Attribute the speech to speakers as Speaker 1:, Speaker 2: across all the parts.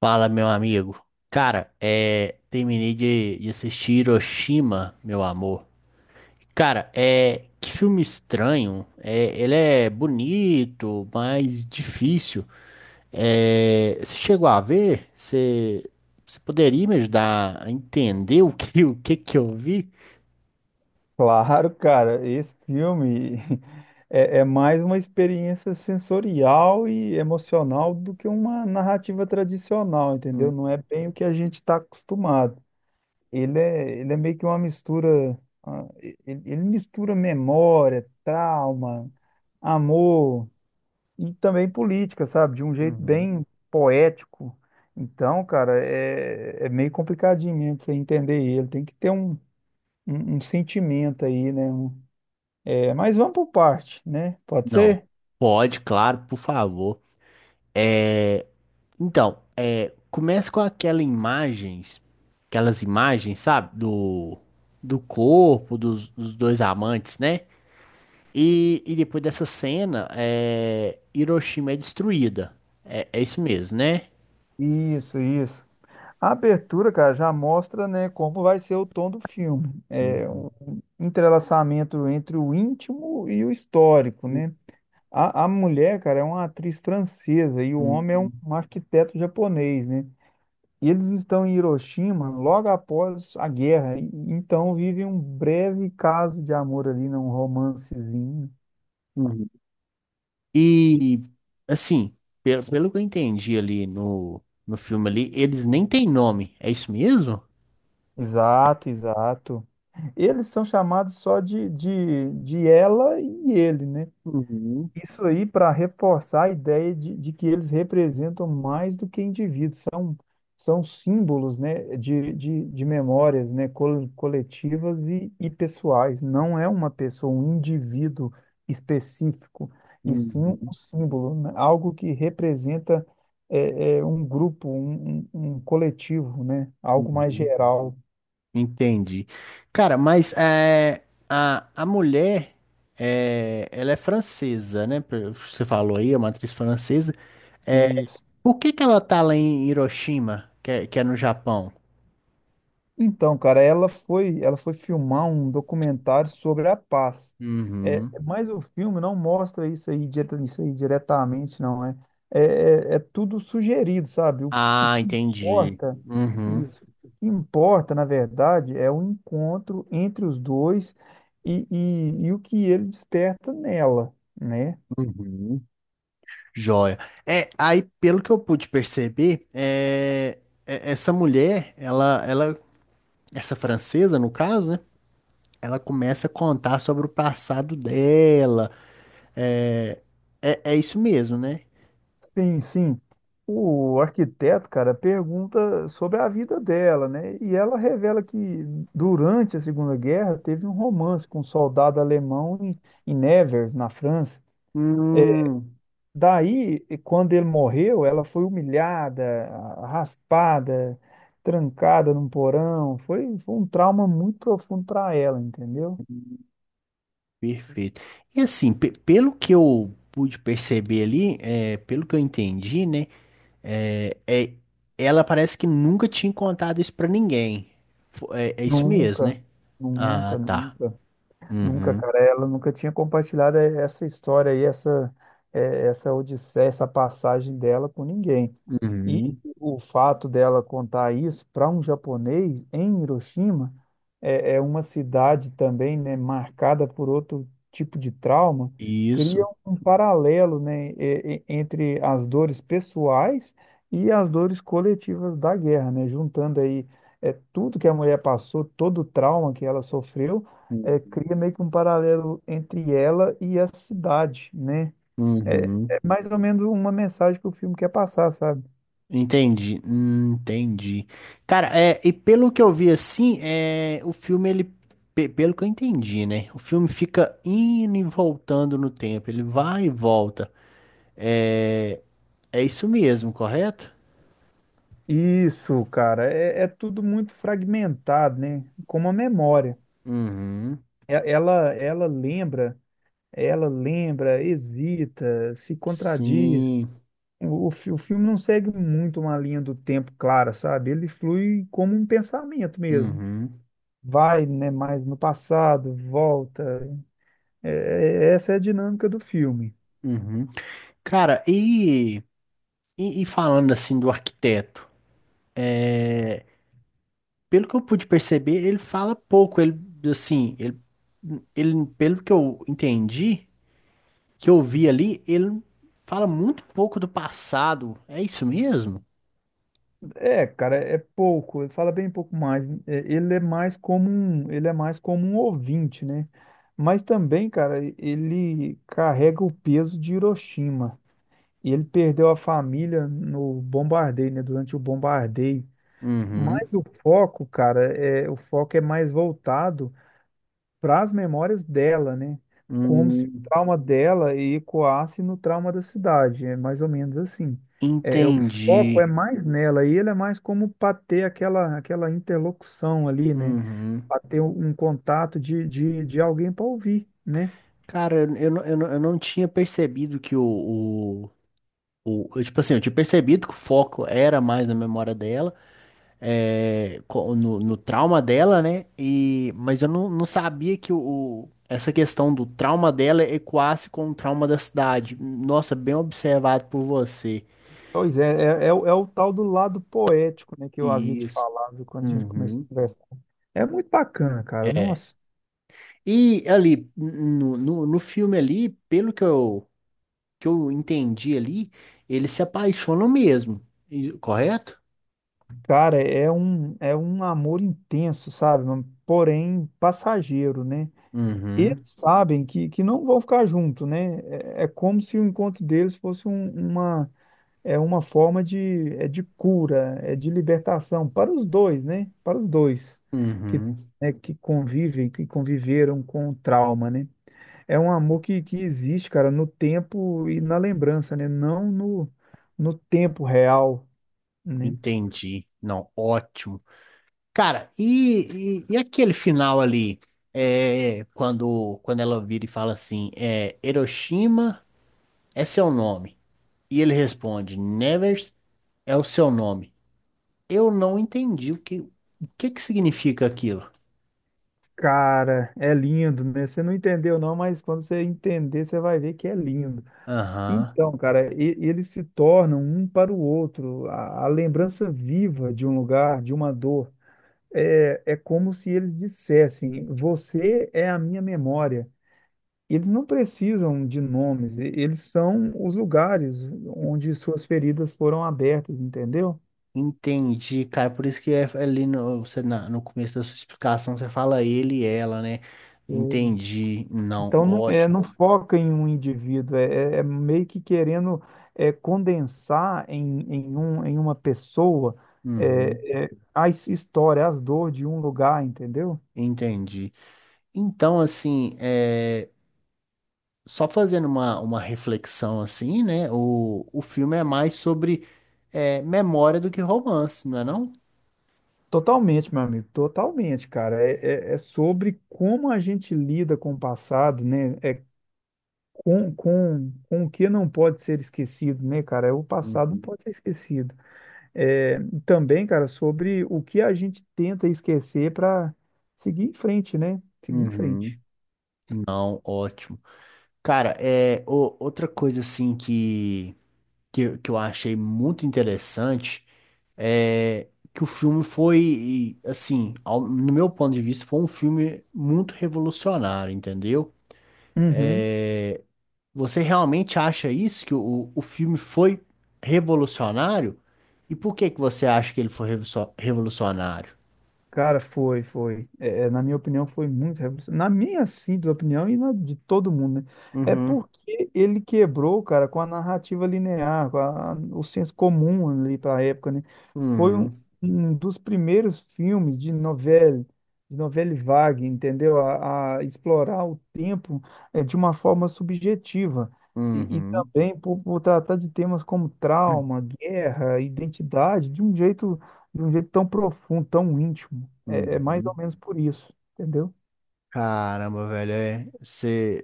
Speaker 1: Fala, meu amigo. Cara, terminei de assistir Hiroshima, meu amor. Cara, que filme estranho. Ele é bonito, mas difícil. Você chegou a ver? Você poderia me ajudar a entender o que eu vi?
Speaker 2: Claro, cara, esse filme é mais uma experiência sensorial e emocional do que uma narrativa tradicional,
Speaker 1: Hum.
Speaker 2: entendeu? Não é bem o que a gente está acostumado. Ele é meio que uma mistura, ele mistura memória, trauma, amor e também política, sabe? De um jeito
Speaker 1: Uhum.
Speaker 2: bem poético. Então, cara, é meio complicadinho mesmo pra você entender ele. Tem que ter um sentimento aí, né? Mas vamos por parte, né? Pode
Speaker 1: Não.
Speaker 2: ser?
Speaker 1: Pode, claro, por favor. É, então. Começa com aquela imagens, aquelas imagens, sabe? Do corpo dos dois amantes, né? E depois dessa cena, é, Hiroshima é destruída. É, é isso mesmo, né?
Speaker 2: Isso, isso. A abertura, cara, já mostra, né, como vai ser o tom do filme. É
Speaker 1: Uhum,
Speaker 2: um entrelaçamento entre o íntimo e o histórico, né? A mulher, cara, é uma atriz francesa e o homem é um,
Speaker 1: uhum,
Speaker 2: um arquiteto japonês, né? E eles estão em Hiroshima logo após a guerra, então vivem um breve caso de amor ali, né? Um romancezinho.
Speaker 1: uhum. E, assim, pelo que eu entendi ali no filme ali, eles nem têm nome. É isso mesmo?
Speaker 2: Exato, exato. Eles são chamados só de ela e ele, né?
Speaker 1: Uhum,
Speaker 2: Isso aí para reforçar a ideia de que eles representam mais do que indivíduos, são símbolos, né, de memórias, né, coletivas e pessoais. Não é uma pessoa, um indivíduo específico, e sim um
Speaker 1: uhum,
Speaker 2: símbolo, né? Algo que representa um grupo, um coletivo, né? Algo mais
Speaker 1: uhum.
Speaker 2: geral.
Speaker 1: Entendi. Cara, mas é, a mulher, é, ela é francesa, né? Pelo que você falou aí, é uma atriz francesa. É,
Speaker 2: Isso.
Speaker 1: por que ela tá lá em Hiroshima, que é no Japão?
Speaker 2: Então, cara, ela foi filmar um documentário sobre a paz.
Speaker 1: Uhum.
Speaker 2: Mas o filme não mostra isso aí, isso aí diretamente, não. É tudo sugerido, sabe? O, o
Speaker 1: Ah,
Speaker 2: que
Speaker 1: entendi.
Speaker 2: importa,
Speaker 1: Uhum.
Speaker 2: isso, o que importa, na verdade, é o encontro entre os dois e o que ele desperta nela, né?
Speaker 1: Uhum. Joia. É, aí, pelo que eu pude perceber, é, essa mulher, essa francesa, no caso, né? Ela começa a contar sobre o passado dela. É, é isso mesmo, né?
Speaker 2: Sim, sim. O arquiteto, cara, pergunta sobre a vida dela, né? E ela revela que durante a Segunda Guerra teve um romance com um soldado alemão em Nevers, na França.
Speaker 1: Hum.
Speaker 2: Daí, quando ele morreu, ela foi humilhada, raspada, trancada num porão. Foi um trauma muito profundo para ela, entendeu?
Speaker 1: Perfeito. E assim, pelo que eu pude perceber ali, é, pelo que eu entendi, né? É, é- ela parece que nunca tinha contado isso pra ninguém. É, é isso mesmo,
Speaker 2: Nunca,
Speaker 1: né? Ah,
Speaker 2: nunca,
Speaker 1: tá.
Speaker 2: nunca. Nunca,
Speaker 1: Uhum,
Speaker 2: cara, ela nunca tinha compartilhado essa história aí, essa odisseia, essa passagem dela com ninguém. E
Speaker 1: uhum.
Speaker 2: o fato dela contar isso para um japonês em Hiroshima é uma cidade também, né, marcada por outro tipo de trauma, cria
Speaker 1: Isso.
Speaker 2: um paralelo, né, entre as dores pessoais e as dores coletivas da guerra, né, juntando aí tudo que a mulher passou, todo o trauma que ela sofreu,
Speaker 1: Uhum,
Speaker 2: cria meio que um paralelo entre ela e a cidade, né? É,
Speaker 1: uhum.
Speaker 2: é mais ou menos uma mensagem que o filme quer passar, sabe?
Speaker 1: Entendi, entendi. Cara, é, e pelo que eu vi assim, é, o filme, ele, pelo que eu entendi, né? O filme fica indo e voltando no tempo, ele vai e volta. É, é isso mesmo, correto?
Speaker 2: Isso, cara, é tudo muito fragmentado, né? Como a memória.
Speaker 1: Uhum,
Speaker 2: E- Ela, ela lembra, Ela lembra, hesita, se contradiz.
Speaker 1: sim,
Speaker 2: O filme não segue muito uma linha do tempo clara, sabe? Ele flui como um pensamento mesmo.
Speaker 1: uhum,
Speaker 2: Vai, né, mais no passado, volta. É- Essa é a dinâmica do filme.
Speaker 1: uhum. Cara, e falando assim do arquiteto, pelo que eu pude perceber, ele fala pouco, ele, assim, ele, pelo que eu entendi. Que eu vi ali, ele fala muito pouco do passado. É isso mesmo?
Speaker 2: É, cara, é pouco, ele fala bem pouco mais. É, ele é mais como um ouvinte, né? Mas também, cara, ele carrega o peso de Hiroshima. E ele perdeu a família no bombardeio, né? Durante o bombardeio.
Speaker 1: Uhum.
Speaker 2: Mas o foco, cara, o foco é mais voltado para as memórias dela, né? Como se o
Speaker 1: Hum.
Speaker 2: trauma dela ecoasse no trauma da cidade, é mais ou menos assim. O foco
Speaker 1: Entendi.
Speaker 2: é mais nela e ele é mais como para ter aquela interlocução ali, né?
Speaker 1: Uhum.
Speaker 2: Para ter um contato de alguém para ouvir, né?
Speaker 1: Cara, eu não eu não tinha percebido que o, tipo assim, eu tinha percebido que o foco era mais na memória dela, é, no, no trauma dela, né? E, mas eu não, não sabia que o, essa questão do trauma dela equasse com o trauma da cidade. Nossa, bem observado por você.
Speaker 2: Pois é o tal do lado poético, né, que eu havia te
Speaker 1: Isso.
Speaker 2: falado quando a gente começou a
Speaker 1: Uhum.
Speaker 2: conversar. É muito bacana, cara.
Speaker 1: É.
Speaker 2: Nossa,
Speaker 1: E ali, no filme ali, que eu entendi ali, eles se apaixonam mesmo, correto?
Speaker 2: cara, é um amor intenso, sabe? Porém passageiro, né? Eles
Speaker 1: Uhum,
Speaker 2: sabem que não vão ficar juntos, né? É como se o encontro deles fosse é uma forma de, é de cura, é de libertação para os dois, né? Para os dois que,
Speaker 1: uhum.
Speaker 2: né, que convivem, que conviveram com o trauma, né? É um amor que existe, cara, no tempo e na lembrança, né? Não no tempo real, né?
Speaker 1: Entendi. Não, ótimo. Cara, e aquele final ali, é, quando ela vira e fala assim, é, Hiroshima é seu nome. E ele responde, Nevers é o seu nome. Eu não entendi o que significa aquilo.
Speaker 2: Cara, é lindo, né? Você não entendeu não, mas quando você entender, você vai ver que é lindo.
Speaker 1: Aham.
Speaker 2: Então, cara, eles se tornam um para o outro, a lembrança viva de um lugar, de uma dor. É como se eles dissessem: Você é a minha memória. Eles não precisam de nomes, eles são os lugares onde suas feridas foram abertas, entendeu?
Speaker 1: Entendi, cara. Por isso que é ali no, você, no começo da sua explicação você fala ele e ela, né? Entendi. Não,
Speaker 2: Então, não,
Speaker 1: ótimo.
Speaker 2: não foca em um indivíduo, é meio que querendo condensar em uma pessoa
Speaker 1: Uhum,
Speaker 2: a história, as dores de um lugar, entendeu?
Speaker 1: entendi. Então, assim, é, só fazendo uma reflexão assim, né? O filme é mais sobre é, memória do que romance, não é não?
Speaker 2: Totalmente, meu amigo, totalmente, cara. É sobre como a gente lida com o passado, né? É com o que não pode ser esquecido, né, cara? É, o passado não
Speaker 1: Uhum.
Speaker 2: pode ser esquecido. É, Também, cara, sobre o que a gente tenta esquecer para seguir em frente, né? Seguir em
Speaker 1: Uhum.
Speaker 2: frente.
Speaker 1: Não, ótimo. Cara, é, outra coisa assim que, que eu achei muito interessante. É, que o filme foi, assim, no meu ponto de vista, foi um filme muito revolucionário, entendeu?
Speaker 2: Uhum.
Speaker 1: É, você realmente acha isso, que o filme foi revolucionário? E por que que você acha que ele foi revolucionário?
Speaker 2: Cara, foi, foi. Na minha opinião, foi muito revolucionário. Na minha simples opinião e na de todo mundo, né? É
Speaker 1: Uhum,
Speaker 2: porque ele quebrou, cara, com a narrativa linear, o senso comum ali para a época, né? Foi um,
Speaker 1: uhum,
Speaker 2: um dos primeiros filmes de novela vague, entendeu? A explorar o tempo de uma forma subjetiva. E
Speaker 1: uhum,
Speaker 2: também por tratar de temas como trauma, guerra, identidade, de um jeito tão profundo, tão íntimo. É mais ou
Speaker 1: uhum.
Speaker 2: menos por isso, entendeu?
Speaker 1: Caramba, velho, é,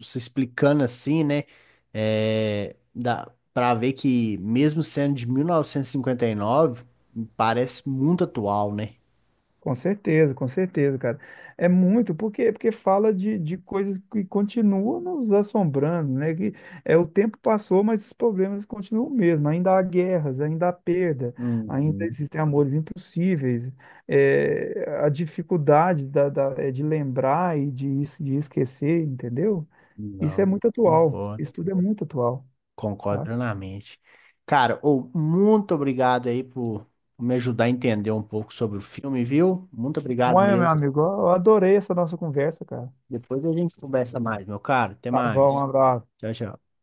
Speaker 1: você explicando assim, né, é, dá pra ver que mesmo sendo de 1959, parece muito atual, né?
Speaker 2: Com certeza, cara. É muito, porque porque fala de coisas que continuam nos assombrando, né? Que é o tempo passou, mas os problemas continuam o mesmo. Ainda há guerras, ainda há perda, ainda
Speaker 1: Uhum.
Speaker 2: existem amores impossíveis. A dificuldade é de lembrar e de esquecer, entendeu? Isso é
Speaker 1: Não,
Speaker 2: muito atual.
Speaker 1: concordo,
Speaker 2: Isso tudo é muito atual,
Speaker 1: concordo
Speaker 2: tá?
Speaker 1: plenamente. Cara, ô, muito obrigado aí por me ajudar a entender um pouco sobre o filme, viu? Muito obrigado
Speaker 2: Bom, meu
Speaker 1: mesmo.
Speaker 2: amigo, eu adorei essa nossa conversa, cara.
Speaker 1: Depois a gente conversa mais, meu caro. Até
Speaker 2: Tá bom, um
Speaker 1: mais.
Speaker 2: abraço.
Speaker 1: Tchau, tchau.